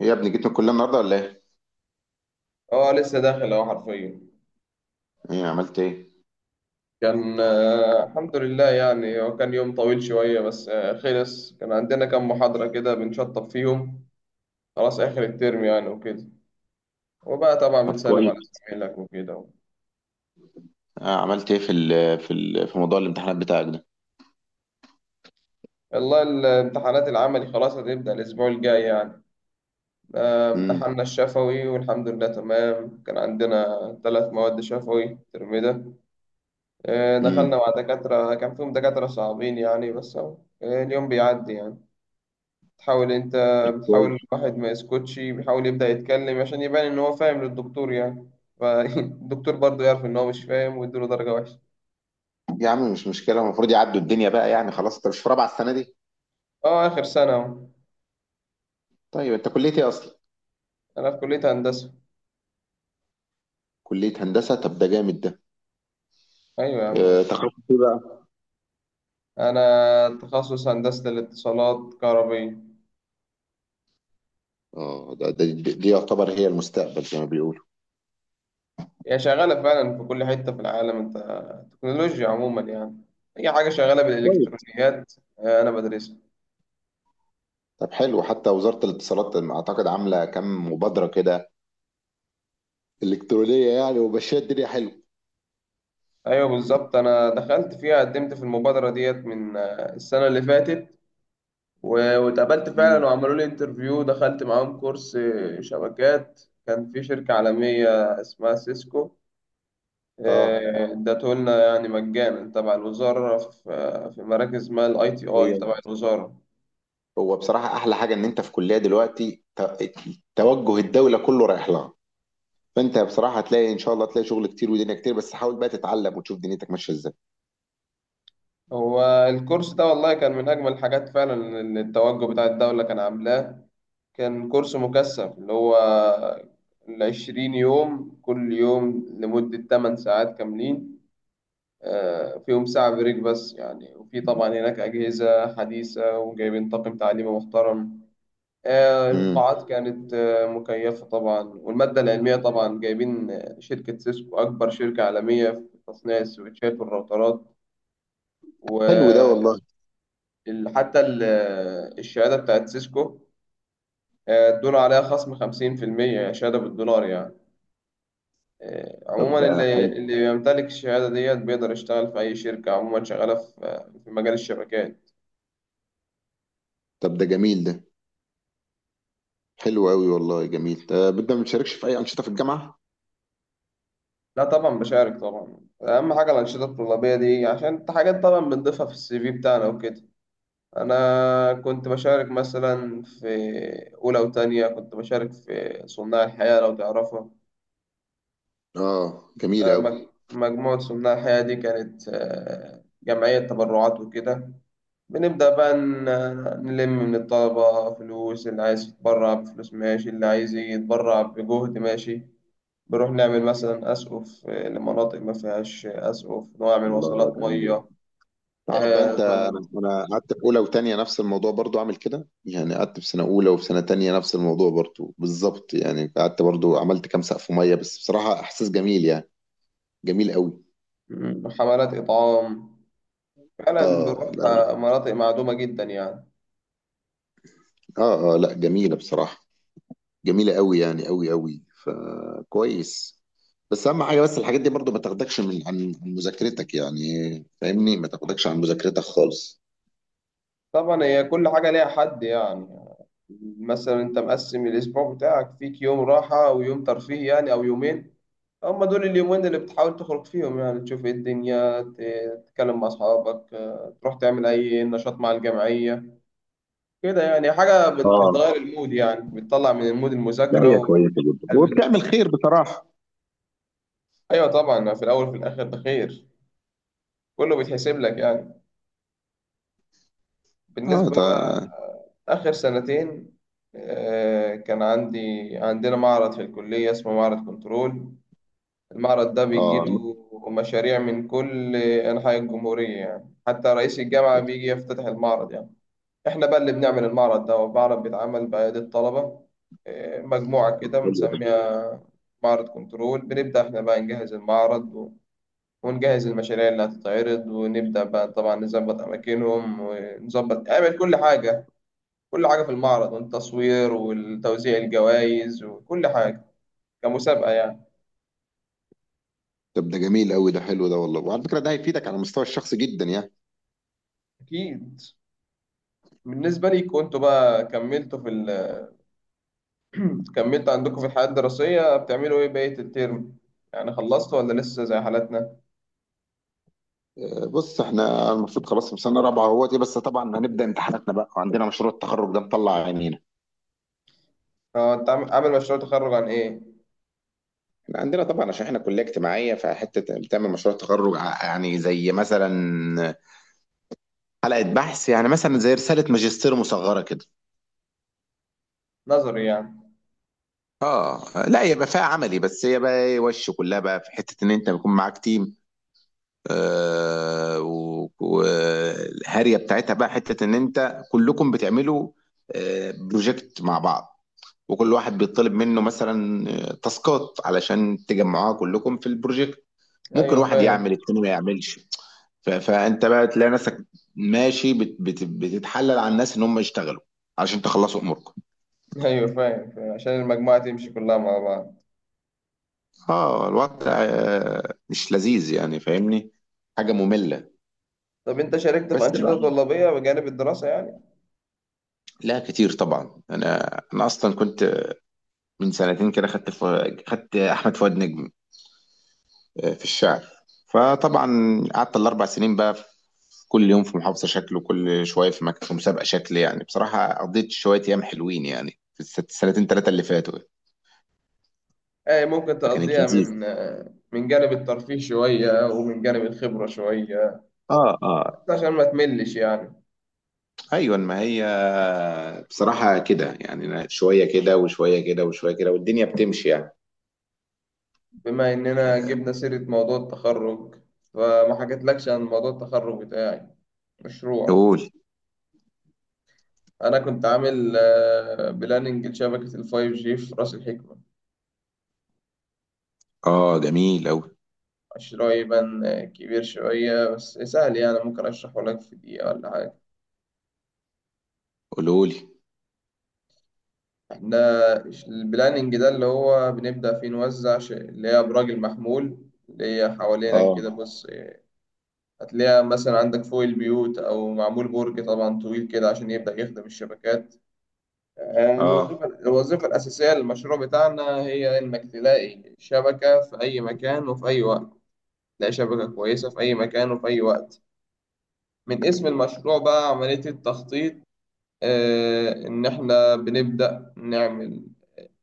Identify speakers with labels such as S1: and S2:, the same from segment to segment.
S1: إيه يا ابني جيت من الكليه النهارده ولا ايه؟
S2: اه، لسه داخل اهو حرفيا.
S1: ايه عملت ايه؟
S2: كان الحمد لله، يعني هو كان يوم طويل شوية، بس خلص كان عندنا كام محاضرة كده بنشطب فيهم. خلاص آخر الترم يعني وكده. وبقى طبعا
S1: طب
S2: بنسلم
S1: كويس.
S2: على زمايلك وكده.
S1: عملت ايه في ال في ال في موضوع الامتحانات بتاعك ده؟
S2: والله الامتحانات العملي خلاص هتبدأ الأسبوع الجاي يعني.
S1: امم.
S2: امتحاننا الشفوي والحمد لله تمام، كان عندنا 3 مواد شفوي الترم ده. دخلنا
S1: امم.
S2: مع دكاترة كان فيهم دكاترة صعبين يعني، بس أهو، اليوم بيعدي يعني. بتحاول انت، بتحاول
S1: كويس.
S2: الواحد ما يسكتش، بيحاول يبدأ يتكلم عشان يبان ان هو فاهم للدكتور يعني. فالدكتور برضه يعرف ان هو مش فاهم ويديله درجة وحشة.
S1: يا عم مش مشكله، المفروض يعدوا الدنيا بقى يعني، خلاص انت مش في رابعه السنه دي؟
S2: اه، اخر سنة اهو.
S1: طيب انت كليه ايه اصلا؟
S2: انا في كلية هندسة.
S1: كليه هندسه، طب ده جامد ده.
S2: ايوه يا عم وليد.
S1: تخصص ايه بقى؟
S2: انا تخصص هندسة الاتصالات كهربية.
S1: اه، ده دي يعتبر هي المستقبل زي ما بيقولوا.
S2: هي شغالة فعلا في كل حتة في العالم انت. تكنولوجيا عموما يعني، اي حاجة شغالة
S1: كويس.
S2: بالالكترونيات. انا بدرسها.
S1: طب حلو، حتى وزاره الاتصالات اعتقد عامله كام مبادره كده الكترونيه يعني، وماشيه الدنيا حلو.
S2: ايوه بالظبط، انا دخلت فيها، قدمت في المبادرة ديت من السنة اللي فاتت. واتقابلت
S1: مم.
S2: فعلا وعملوا لي انترفيو، دخلت معاهم كورس شبكات كان في شركة عالمية اسمها سيسكو.
S1: اه،
S2: ادته لنا يعني مجانا تبع الوزارة في مراكز ما الاي تي اي تبع الوزارة.
S1: هو بصراحة أحلى حاجة إن أنت في كلية دلوقتي، توجه الدولة كله رايح لها، فأنت بصراحة هتلاقي إن شاء الله، هتلاقي شغل كتير ودنيا كتير، بس حاول بقى تتعلم وتشوف دنيتك ماشية إزاي.
S2: هو الكورس ده والله كان من أجمل الحاجات فعلا، اللي التوجه بتاع الدولة كان عاملاه. كان كورس مكثف، اللي هو العشرين يوم كل يوم لمدة 8 ساعات كاملين، فيهم ساعة بريك بس يعني، وفي طبعا هناك أجهزة حديثة وجايبين طاقم تعليمي محترم.
S1: امم.
S2: القاعات كانت مكيفة طبعا، والمادة العلمية طبعا جايبين شركة سيسكو أكبر شركة عالمية في تصنيع السويتشات والراوترات.
S1: حلو ده والله.
S2: وحتى الشهادة بتاعت سيسكو ادونا عليها خصم 50% شهادة بالدولار يعني.
S1: طب
S2: عموما
S1: ده
S2: اللي
S1: حلو.
S2: اللي بيمتلك الشهادة ديت بيقدر يشتغل في أي شركة عموما شغالة في مجال الشبكات.
S1: طب ده جميل ده. حلو أوي والله، جميل، بدنا ما بتشاركش في أي أنشطة في الجامعة؟
S2: لا طبعا بشارك طبعا. اهم حاجه الانشطه الطلابيه دي، عشان انت حاجات طبعا بنضيفها في السي في بتاعنا وكده. انا كنت بشارك مثلا في اولى وتانية، كنت بشارك في صناع الحياه لو تعرفها.
S1: جميل أوي.
S2: مجموعه صناع الحياه دي كانت جمعيه تبرعات وكده. بنبدا بقى نلم من الطلبه فلوس، اللي عايز يتبرع بفلوس ماشي، اللي عايز يتبرع بجهد ماشي. بنروح نعمل مثلا أسقف لمناطق ما فيهاش أسقف، نعمل
S1: الله
S2: وصلات
S1: جميل.
S2: مية.
S1: تعرف بقى انت، انا
S2: طبعا
S1: انا قعدت في اولى وتانية نفس الموضوع برضو، عامل كده يعني، قعدت في سنه اولى وفي سنه تانية نفس الموضوع برضو بالظبط يعني، قعدت برضو عملت كام سقف ميه، بس بصراحه احساس جميل يعني. جميل قوي.
S2: حملات إطعام فعلا،
S1: اه
S2: بنروح
S1: لا.
S2: مناطق معدومة جدا يعني.
S1: اه اه لا، جميله بصراحه، جميله قوي يعني، قوي قوي، فكويس. بس اهم حاجه، بس الحاجات دي برضو ما تاخدكش من عن مذاكرتك يعني. فاهمني، ما تاخدكش عن مذاكرتك خالص.
S2: طبعا هي كل حاجة ليها حد يعني. مثلا أنت مقسم الأسبوع بتاعك، فيك يوم راحة ويوم ترفيه يعني، أو يومين، هما دول اليومين اللي بتحاول تخرج فيهم يعني، تشوف إيه الدنيا، تتكلم مع أصحابك، تروح تعمل أي نشاط مع الجمعية. كده يعني، حاجة
S1: اه
S2: بتغير المود يعني، بتطلع من المود
S1: لا،
S2: المذاكرة
S1: هي كويسه جدا وبتعمل خير بصراحه.
S2: أيوة طبعا، في الأول وفي الآخر ده خير، كله بيتحسب لك يعني.
S1: اه
S2: بالنسبة
S1: ده.
S2: بقى آخر سنتين كان عندي، عندنا معرض في الكلية اسمه معرض كنترول. المعرض ده
S1: اه
S2: بيجيله مشاريع من كل أنحاء الجمهورية يعني، حتى رئيس الجامعة بيجي يفتتح المعرض يعني. احنا بقى اللي بنعمل المعرض ده، والمعرض بيتعمل بأيادي الطلبة، إيه، مجموعة كده
S1: حلو ده.
S2: بنسميها معرض كنترول. بنبدأ احنا بقى نجهز المعرض ونجهز المشاريع اللي هتتعرض، ونبدأ بقى طبعا نظبط أماكنهم، ونظبط نعمل كل حاجة، كل حاجة في المعرض والتصوير والتوزيع الجوائز وكل حاجة، كمسابقة يعني.
S1: طب ده جميل قوي ده، حلو ده والله، وعلى فكره ده هيفيدك على المستوى الشخصي جدا يعني.
S2: أكيد. بالنسبة ليكوا انتوا بقى، كملتوا كملتوا عندكم في الحياة الدراسية بتعملوا ايه بقية الترم يعني، خلصتوا ولا لسه زي حالتنا؟
S1: بص احنا المفروض خلاص في سنه رابعه اهوت، بس طبعا هنبدا امتحاناتنا بقى، وعندنا مشروع التخرج ده مطلع عينينا.
S2: هو انت عامل مشروع تخرج عن ايه؟
S1: احنا عندنا طبعا، عشان احنا كليه اجتماعيه، فحته بتعمل مشروع تخرج، يعني زي مثلا حلقه بحث يعني، مثلا زي رساله ماجستير مصغره كده.
S2: نظري يعني.
S1: اه لا، يبقى فيها عملي، بس هي بقى إيه وش كلها بقى في حته ان انت بيكون معاك تيم. آه، والهاريه بتاعتها بقى حته ان انت كلكم بتعملوا آه بروجكت مع بعض، وكل واحد بيطلب منه مثلا تاسكات علشان تجمعوها كلكم في البروجكت، ممكن
S2: ايوه
S1: واحد يعمل
S2: فاهم.
S1: التاني ما يعملش. فانت بقى تلاقي نفسك ماشي بت بت بتتحلل على الناس ان هم يشتغلوا علشان تخلصوا اموركم.
S2: ايوه فاهم فاهم. عشان المجموعة تمشي كلها مع بعض.
S1: اه الوضع مش لذيذ يعني، فاهمني، حاجه ممله.
S2: طب انت شاركت في
S1: بس
S2: أنشطة
S1: لا.
S2: طلابية بجانب الدراسة يعني؟
S1: لا كتير طبعا، انا اصلا كنت من سنتين كده، خدت احمد فؤاد نجم في الشعر. فطبعا قعدت ال4 سنين بقى في كل يوم في محافظه شكل، وكل شويه في مكان في مسابقه شكل يعني، بصراحه قضيت شويه ايام حلوين يعني في السنتين ثلاثه اللي فاتوا،
S2: اي ممكن
S1: فكانت
S2: تقضيها
S1: لذيذه.
S2: من جانب الترفيه شوية ومن جانب الخبرة شوية،
S1: اه اه،
S2: عشان ما تملش يعني.
S1: ايوه ما هي بصراحة كده يعني، أنا شوية كده وشوية كده وشوية كده والدنيا بتمشي يعني.
S2: بما اننا جبنا سيرة موضوع التخرج، فما حكيتلكش عن موضوع التخرج بتاعي، مشروع.
S1: قول.
S2: انا كنت عامل بلاننج لشبكة 5G في رأس الحكمة.
S1: اه جميل اوي.
S2: شرايي بان كبير شوية بس سهل يعني، ممكن أشرحه لك في دقيقة ولا حاجة.
S1: قولولي.
S2: إحنا البلاننج ده اللي هو بنبدأ فيه نوزع اللي هي أبراج المحمول، اللي هي حوالينك
S1: اه
S2: كده، بص، هتلاقيها مثلا عندك فوق البيوت، أو معمول برج طبعا طويل كده عشان يبدأ يخدم الشبكات.
S1: اه،
S2: الوظيفة الأساسية للمشروع بتاعنا هي إنك تلاقي شبكة في أي مكان وفي أي وقت. تلاقي شبكة كويسة في أي مكان وفي أي وقت. من اسم المشروع بقى، عملية التخطيط. إن إحنا بنبدأ نعمل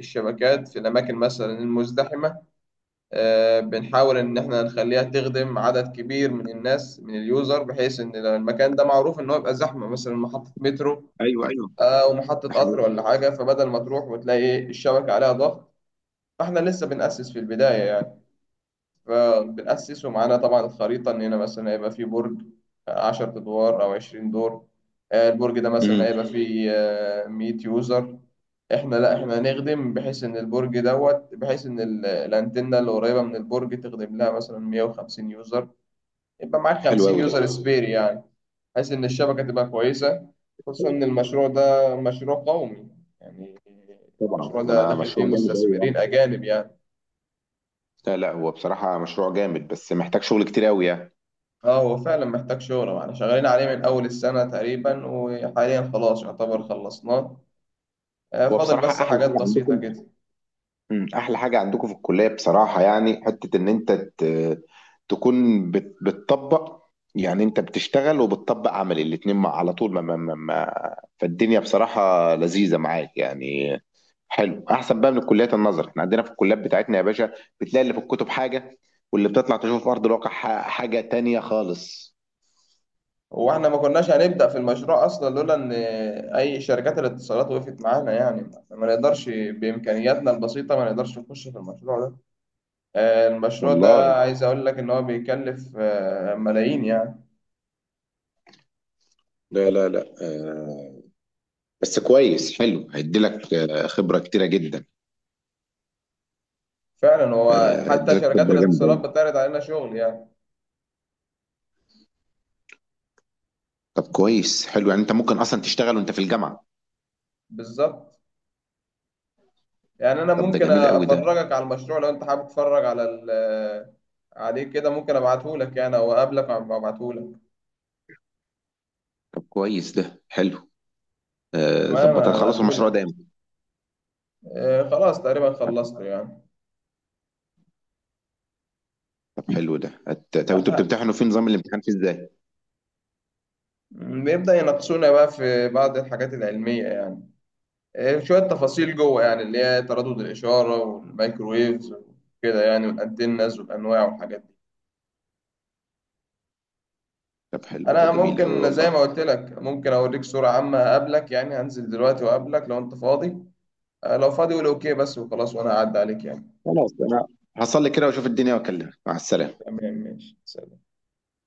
S2: الشبكات في الأماكن مثلا المزدحمة. بنحاول إن إحنا نخليها تخدم عدد كبير من الناس، من اليوزر، بحيث إن لو المكان ده معروف إن هو يبقى زحمة، مثلا محطة مترو
S1: ايوه ايوه،
S2: أو محطة
S1: ده
S2: قطر
S1: حقيقي.
S2: ولا حاجة، فبدل ما تروح وتلاقي الشبكة عليها ضغط، فإحنا لسه بنأسس في البداية يعني. فبنأسس ومعانا طبعا الخريطة، إن هنا مثلا هيبقى فيه برج 10 أدوار أو 20 دور. البرج ده مثلا
S1: امم.
S2: هيبقى فيه 100 يوزر. إحنا لأ، إحنا هنخدم بحيث إن البرج دوت، بحيث إن الأنتنة اللي قريبة من البرج تخدم لها مثلا 150 يوزر، يبقى معاك
S1: حلو
S2: خمسين
S1: قوي ده.
S2: يوزر سبير يعني، بحيث إن الشبكة تبقى كويسة، خصوصا إن المشروع ده مشروع قومي يعني. المشروع
S1: طبعا
S2: ده
S1: ده
S2: داخل فيه
S1: مشروع جامد قوي يعني.
S2: مستثمرين أجانب يعني.
S1: لا لا، هو بصراحة مشروع جامد بس محتاج شغل كتير قوي يعني.
S2: اه هو فعلا محتاج شهرة، واحنا شغالين عليه من أول السنة تقريبا، وحاليا خلاص يعتبر خلصناه.
S1: هو
S2: فاضل
S1: بصراحة
S2: بس
S1: احلى
S2: حاجات
S1: حاجة عندكم،
S2: بسيطة كده.
S1: احلى حاجه عندكم في الكليه بصراحه يعني حته ان انت تكون بتطبق، يعني انت بتشتغل وبتطبق عملي الاتنين مع على طول، فالدنيا بصراحه لذيذه معاك يعني. حلو، احسن بقى من الكليات النظر، احنا عندنا في الكليات بتاعتنا يا باشا بتلاقي اللي في الكتب حاجه، واللي بتطلع تشوف في ارض الواقع حاجه تانية خالص
S2: واحنا ما كناش هنبدأ في المشروع أصلا لولا إن أي شركات الاتصالات وقفت معانا يعني، ما نقدرش بإمكانياتنا البسيطة، ما نقدرش نخش في المشروع ده. المشروع
S1: والله.
S2: ده عايز أقول لك إن هو بيكلف ملايين يعني.
S1: لا لا لا، بس كويس، حلو هيديلك خبره كتيره جدا.
S2: فعلا هو حتى
S1: هيديلك
S2: شركات
S1: خبره جامده.
S2: الاتصالات بتعرض علينا شغل يعني.
S1: طب كويس، حلو، يعني انت ممكن اصلا تشتغل وانت في الجامعه.
S2: بالظبط، يعني انا
S1: طب ده
S2: ممكن
S1: جميل قوي ده.
S2: افرجك على المشروع لو انت حابب تتفرج عليه، كده ممكن ابعته لك يعني او اقابلك وابعته لك.
S1: طب كويس ده حلو.
S2: تمام
S1: ظبط هتخلصوا
S2: ابعته
S1: المشروع
S2: لك.
S1: ده امتى؟
S2: خلاص تقريبا خلصته يعني.
S1: طب حلو ده،
S2: آه،
S1: طب انتوا
S2: آه.
S1: بتمتحنوا في نظام الامتحان فيه ازاي؟
S2: بيبدأ يناقشونا بقى في بعض الحاجات العلمية يعني، شوية تفاصيل جوه يعني، اللي هي تردد الإشارة والمايكرويفز وكده يعني، والأنتنز والأنواع والحاجات دي.
S1: طب حلو ده،
S2: أنا
S1: جميل قوي
S2: ممكن زي
S1: والله.
S2: ما قلت لك، ممكن أوريك صورة عامة، أقابلك يعني، هنزل دلوقتي وأقابلك لو أنت فاضي. لو فاضي قول أوكي بس وخلاص، وأنا هعدي عليك يعني.
S1: خلاص، انا هصلي كده واشوف الدنيا واكلمك. مع السلامه.
S2: تمام ماشي سلام.